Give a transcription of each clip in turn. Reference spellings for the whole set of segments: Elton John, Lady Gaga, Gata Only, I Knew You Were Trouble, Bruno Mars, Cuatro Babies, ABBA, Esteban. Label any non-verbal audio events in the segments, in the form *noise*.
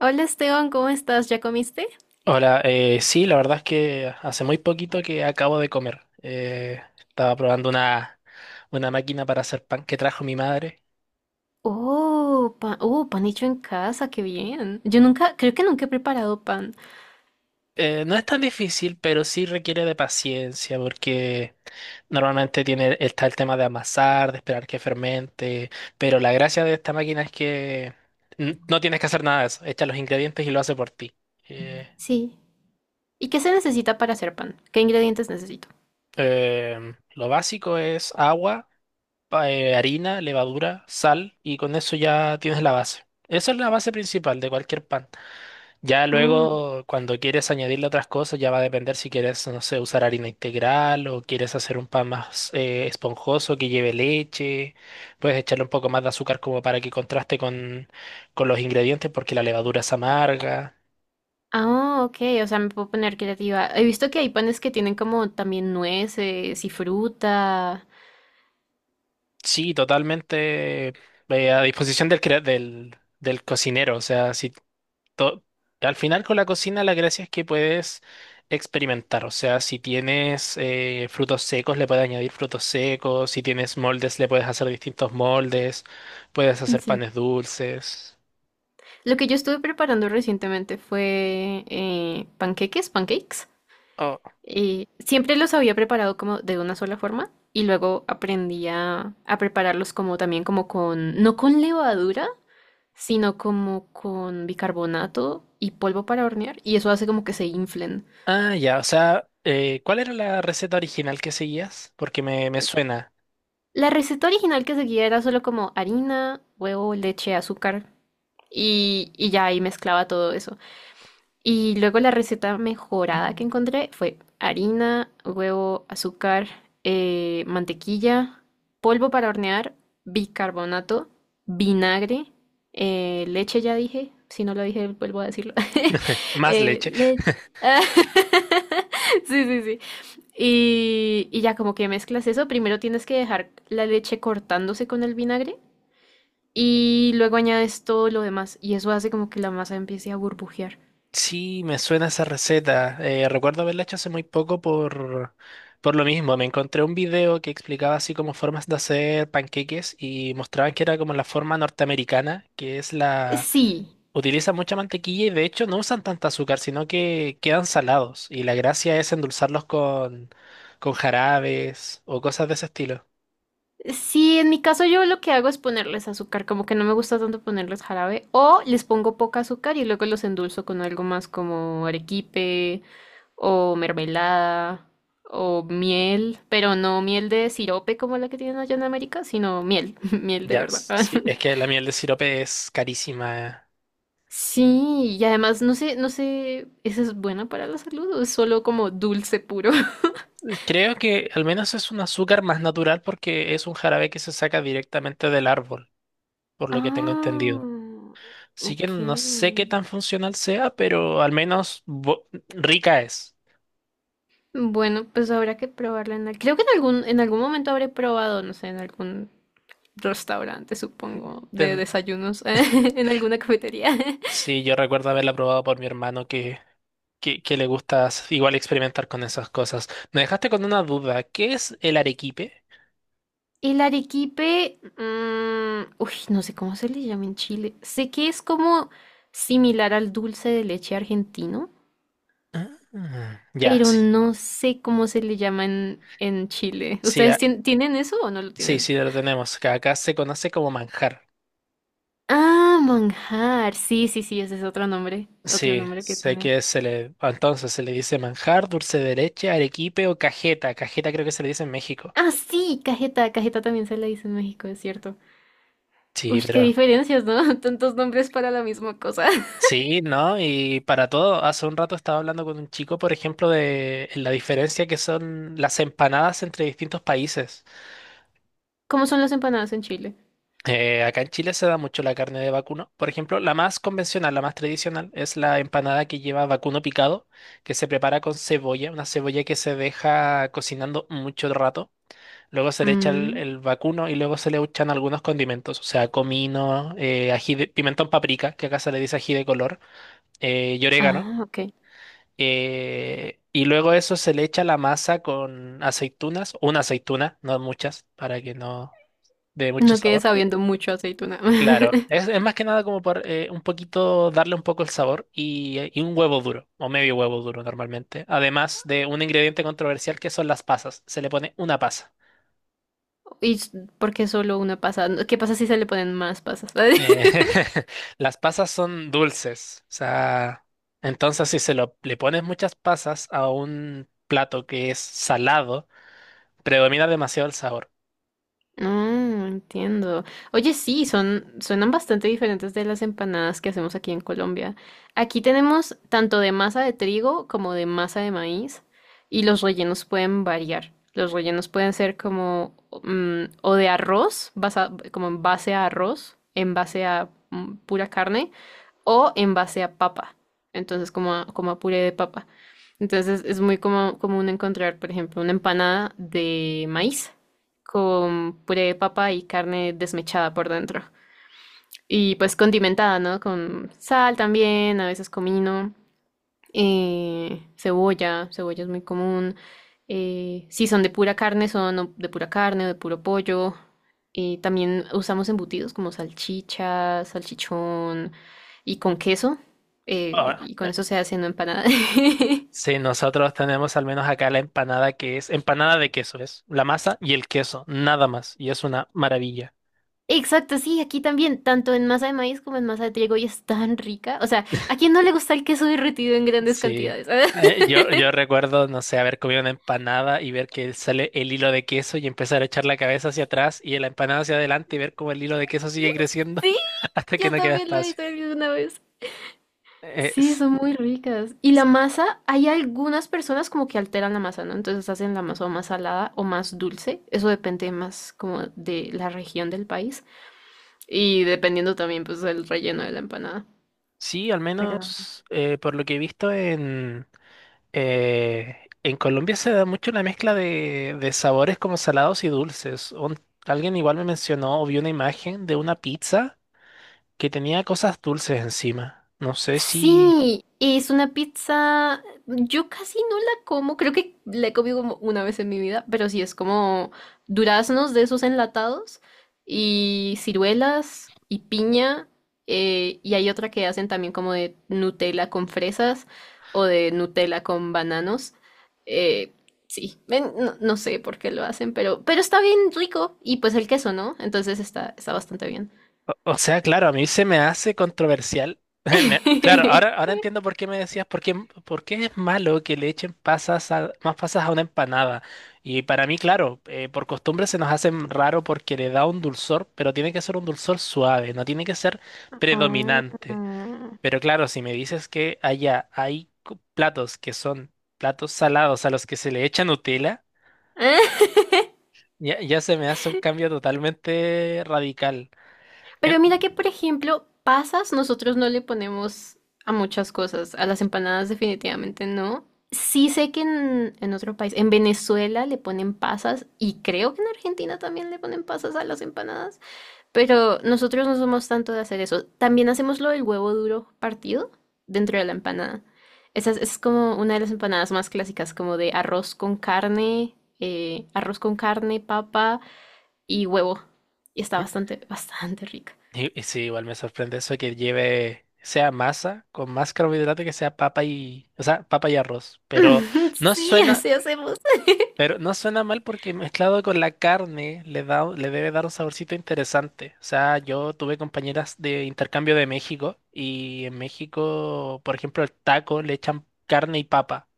Hola Esteban, ¿cómo estás? ¿Ya comiste? Hola, sí, la verdad es que hace muy poquito que acabo de comer. Estaba probando una máquina para hacer pan que trajo mi madre. Oh, pan hecho en casa, qué bien. Yo nunca, creo que nunca he preparado pan. No es tan difícil, pero sí requiere de paciencia porque normalmente está el tema de amasar, de esperar que fermente, pero la gracia de esta máquina es que no tienes que hacer nada de eso. Echa los ingredientes y lo hace por ti. Eh, Sí. ¿Y qué se necesita para hacer pan? ¿Qué ingredientes necesito? Lo básico es agua harina, levadura, sal y con eso ya tienes la base. Esa es la base principal de cualquier pan. Ya Mm. luego, cuando quieres añadirle otras cosas, ya va a depender si quieres, no sé, usar harina integral o quieres hacer un pan más esponjoso que lleve leche. Puedes echarle un poco más de azúcar como para que contraste con los ingredientes porque la levadura es amarga. Ah, ok, o sea, me puedo poner creativa. He visto que hay panes que tienen como también nueces y fruta. Sí, totalmente, a disposición del cocinero. O sea, si to- al final con la cocina la gracia es que puedes experimentar. O sea, si tienes frutos secos le puedes añadir frutos secos, si tienes moldes le puedes hacer distintos moldes, puedes hacer Sí. panes dulces. Lo que yo estuve preparando recientemente fue panqueques, pancakes. Oh. Siempre los había preparado como de una sola forma y luego aprendí a prepararlos como también como con, no con levadura, sino como con bicarbonato y polvo para hornear y eso hace como que se inflen. Ah, ya, o sea, ¿cuál era la receta original que seguías? Porque me suena. La receta original que seguía era solo como harina, huevo, leche, azúcar y ya ahí mezclaba todo eso. Y luego la receta mejorada que encontré fue harina, huevo, azúcar, mantequilla, polvo para hornear, bicarbonato, vinagre, leche ya dije, si no lo dije vuelvo a decirlo. *laughs* Más leche. leche. *laughs* Sí, sí, sí. Y ya como que mezclas eso, primero tienes que dejar la leche cortándose con el vinagre y luego añades todo lo demás y eso hace como que la masa empiece a burbujear. Sí, me suena esa receta. Recuerdo haberla hecho hace muy poco, por lo mismo. Me encontré un video que explicaba así como formas de hacer panqueques y mostraban que era como la forma norteamericana, que es la... Sí. Utilizan mucha mantequilla y de hecho no usan tanta azúcar, sino que quedan salados. Y la gracia es endulzarlos con jarabes o cosas de ese estilo. Sí, en mi caso yo lo que hago es ponerles azúcar, como que no me gusta tanto ponerles jarabe, o les pongo poca azúcar y luego los endulzo con algo más como arequipe o mermelada o miel, pero no miel de sirope como la que tienen allá en América, sino miel, *laughs* miel de Ya, verdad. Sí, *laughs* es que la miel de sirope es carísima. Sí, y además no sé, no sé, ¿eso es bueno para la salud o es solo como dulce puro? *laughs* Creo que al menos es un azúcar más natural porque es un jarabe que se saca directamente del árbol, por lo que tengo Ah, entendido. Así que ok. no sé qué tan funcional sea, pero al menos rica es. Bueno, pues habrá que probarla en al- Creo que en algún momento habré probado, no sé, en algún restaurante, supongo, de Ten- desayunos, *laughs* en alguna cafetería. *laughs* sí, yo recuerdo haberla probado por mi hermano que le gusta igual experimentar con esas cosas. Me dejaste con una duda. ¿Qué es el arequipe? El arequipe, mm, uy, no sé cómo se le llama en Chile. Sé que es como similar al dulce de leche argentino, Ah, ya, pero sí. no sé cómo se le llama en Chile. Sí, ¿Ustedes tien- tienen eso o no lo sí, tienen? sí, lo tenemos. Que Acá se conoce como manjar. Ah, manjar. Sí, sí, sí, ese es otro Sí, nombre que sé tiene. que se le, entonces se le dice manjar, dulce de leche, arequipe o cajeta. Cajeta creo que se le dice en México. Ah, sí, cajeta, cajeta también se le dice en México, es cierto. Sí, Uy, qué pero diferencias, ¿no? *laughs* Tantos nombres para la misma cosa. *laughs* sí, ¿no? Y para todo, hace un rato estaba hablando con un chico, por ejemplo, de la diferencia que son las empanadas entre distintos países. ¿Cómo son las empanadas en Chile? Acá en Chile se da mucho la carne de vacuno. Por ejemplo, la más convencional, la más tradicional, es la empanada que lleva vacuno picado, que se prepara con cebolla, una cebolla que se deja cocinando mucho rato. Luego se le echa Mm, el vacuno y luego se le echan algunos condimentos, o sea, comino, pimentón paprika, que acá se le dice ají de color, y orégano. ah, ok. Y luego eso se le echa la masa con aceitunas, una aceituna, no muchas, para que no dé mucho No quedé sabor. sabiendo mucho aceituna. Claro, *laughs* es más que nada como por un poquito, darle un poco el sabor y un huevo duro, o medio huevo duro normalmente. Además de un ingrediente controversial que son las pasas, se le pone una pasa. ¿Y s- por qué solo una pasa? No, ¿qué pasa si se le ponen más pasas? Eh, *laughs* *laughs* las pasas son dulces, o sea, entonces si le pones muchas pasas a un plato que es salado, predomina demasiado el sabor. No, entiendo. Oye, sí, son, suenan bastante diferentes de las empanadas que hacemos aquí en Colombia. Aquí tenemos tanto de masa de trigo como de masa de maíz y los rellenos pueden variar. Los rellenos pueden ser como mm, o de arroz, basa- como en base a arroz, en base a mm, pura carne, o en base a papa, entonces como a, como a puré de papa. Entonces es muy como- común encontrar, por ejemplo, una empanada de maíz con puré de papa y carne desmechada por dentro. Y pues condimentada, ¿no? Con sal también, a veces comino, cebolla, cebolla es muy común. Si son de pura carne, son o de pura carne o de puro pollo. También usamos embutidos como salchicha, salchichón y con queso. Ahora, Y con eso se hace una empanada. *laughs* sí, nosotros tenemos al menos acá la empanada que es empanada de queso, es la masa y el queso, nada más, y es una maravilla. Exacto, sí, aquí también, tanto en masa de maíz como en masa de trigo, y es tan rica. O sea, ¿a quién no le gusta el queso derretido en grandes Sí. cantidades? *laughs* Yo recuerdo, no sé, haber comido una empanada y ver que sale el hilo de queso y empezar a echar la cabeza hacia atrás y la empanada hacia adelante y ver cómo el hilo de queso sigue creciendo Sí, *laughs* hasta que yo no queda también lo espacio. hice alguna vez. Eh, Sí, s- son muy ricas. Y la masa, hay algunas personas como que alteran la masa, ¿no? Entonces hacen la masa o más salada o más dulce. Eso depende más como de la región del país y dependiendo también pues del relleno de la empanada. sí, al menos por lo que he visto en Colombia se da mucho la mezcla de sabores como salados y dulces. Alguien igual me mencionó o vi una imagen de una pizza que tenía cosas dulces encima. No sé si... Sí, es una pizza. Yo casi no la como, creo que la he comido como una vez en mi vida, pero sí es como duraznos de esos enlatados y ciruelas y piña. Y hay otra que hacen también como de Nutella con fresas o de Nutella con bananos. Eh, sí, ven, no, no sé por qué lo hacen, pero está bien rico. Y pues el queso, ¿no? Entonces está, está bastante bien. O, o sea, claro, a mí se me hace controversial. *laughs* Claro, *laughs* ahora entiendo por qué me decías, por qué es malo que le echen más pasas a una empanada. Y para mí, claro, por costumbre se nos hace raro porque le da un dulzor, pero tiene que ser un dulzor suave, no tiene que ser predominante. Mm. Pero claro, si me dices que allá hay platos que son platos salados a los que se le echa Nutella, *laughs* ya, ya se me hace un cambio totalmente radical. Pero En- mira que, por ejemplo, pasas, nosotros no le ponemos a muchas cosas, a las empanadas definitivamente no. Sí sé que en otro país, en Venezuela le ponen pasas y creo que en Argentina también le ponen pasas a las empanadas, pero nosotros no somos tanto de hacer eso. También hacemos lo del huevo duro partido dentro de la empanada. Esa es como una de las empanadas más clásicas, como de arroz con carne, papa y huevo. Y está bastante, bastante rica. Y sí, igual me sorprende eso que lleve, sea masa con más carbohidrato que sea papa y, o sea, papa y arroz. *laughs* No Sí, suena, así hacemos. *laughs* pero no suena mal porque mezclado con la carne le debe dar un saborcito interesante. O sea, yo tuve compañeras de intercambio de México y en México, por ejemplo, el taco le echan carne y papa.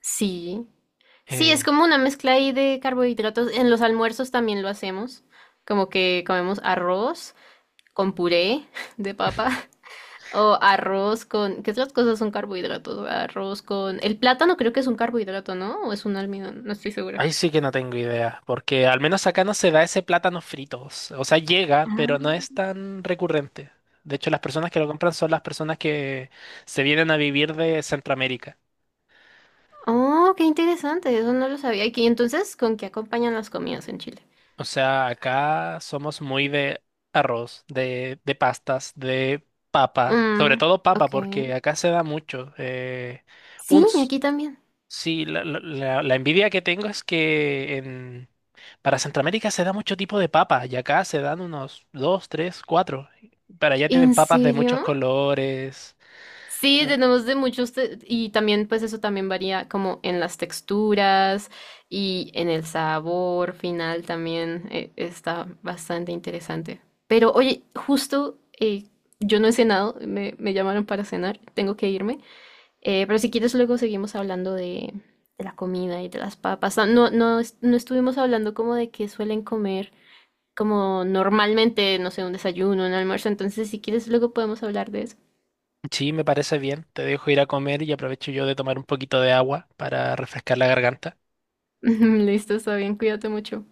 Sí. Sí, es Eh, como una mezcla ahí de carbohidratos. En los almuerzos también lo hacemos. Como que comemos arroz con puré *laughs* de papa o arroz con... ¿Qué otras cosas son carbohidratos? Arroz con... El plátano creo que es un carbohidrato, ¿no? ¿O es un almidón? No estoy segura. Ahí sí que no tengo idea, porque al menos acá no se da ese plátano frito. O sea, llega, pero no es tan recurrente. De hecho, las personas que lo compran son las personas que se vienen a vivir de Centroamérica. Oh, qué interesante. Eso no lo sabía. ¿Y qué- entonces con qué acompañan las comidas en Chile? O sea, acá somos muy de arroz, de pastas, de papa, sobre Mm, todo papa, ok. porque acá se da mucho. Sí, aquí también. Sí, la envidia que tengo es que para Centroamérica se da mucho tipo de papas y acá se dan unos dos, tres, cuatro. Para allá tienen ¿En papas de serio? muchos colores. Sí, Eh, tenemos de muchos te- y también pues eso también varía como en las texturas y en el sabor final también está bastante interesante. Pero oye, justo yo no he cenado, me llamaron para cenar, tengo que irme. Pero si quieres luego seguimos hablando de la comida y de las papas. No, no, no es- no estuvimos hablando como de que suelen comer como normalmente, no sé, un desayuno, un almuerzo. Entonces si quieres luego podemos hablar de eso. Sí, me parece bien. Te dejo ir a comer y aprovecho yo de tomar un poquito de agua para refrescar la garganta. *laughs* Listo, está bien, cuídate mucho.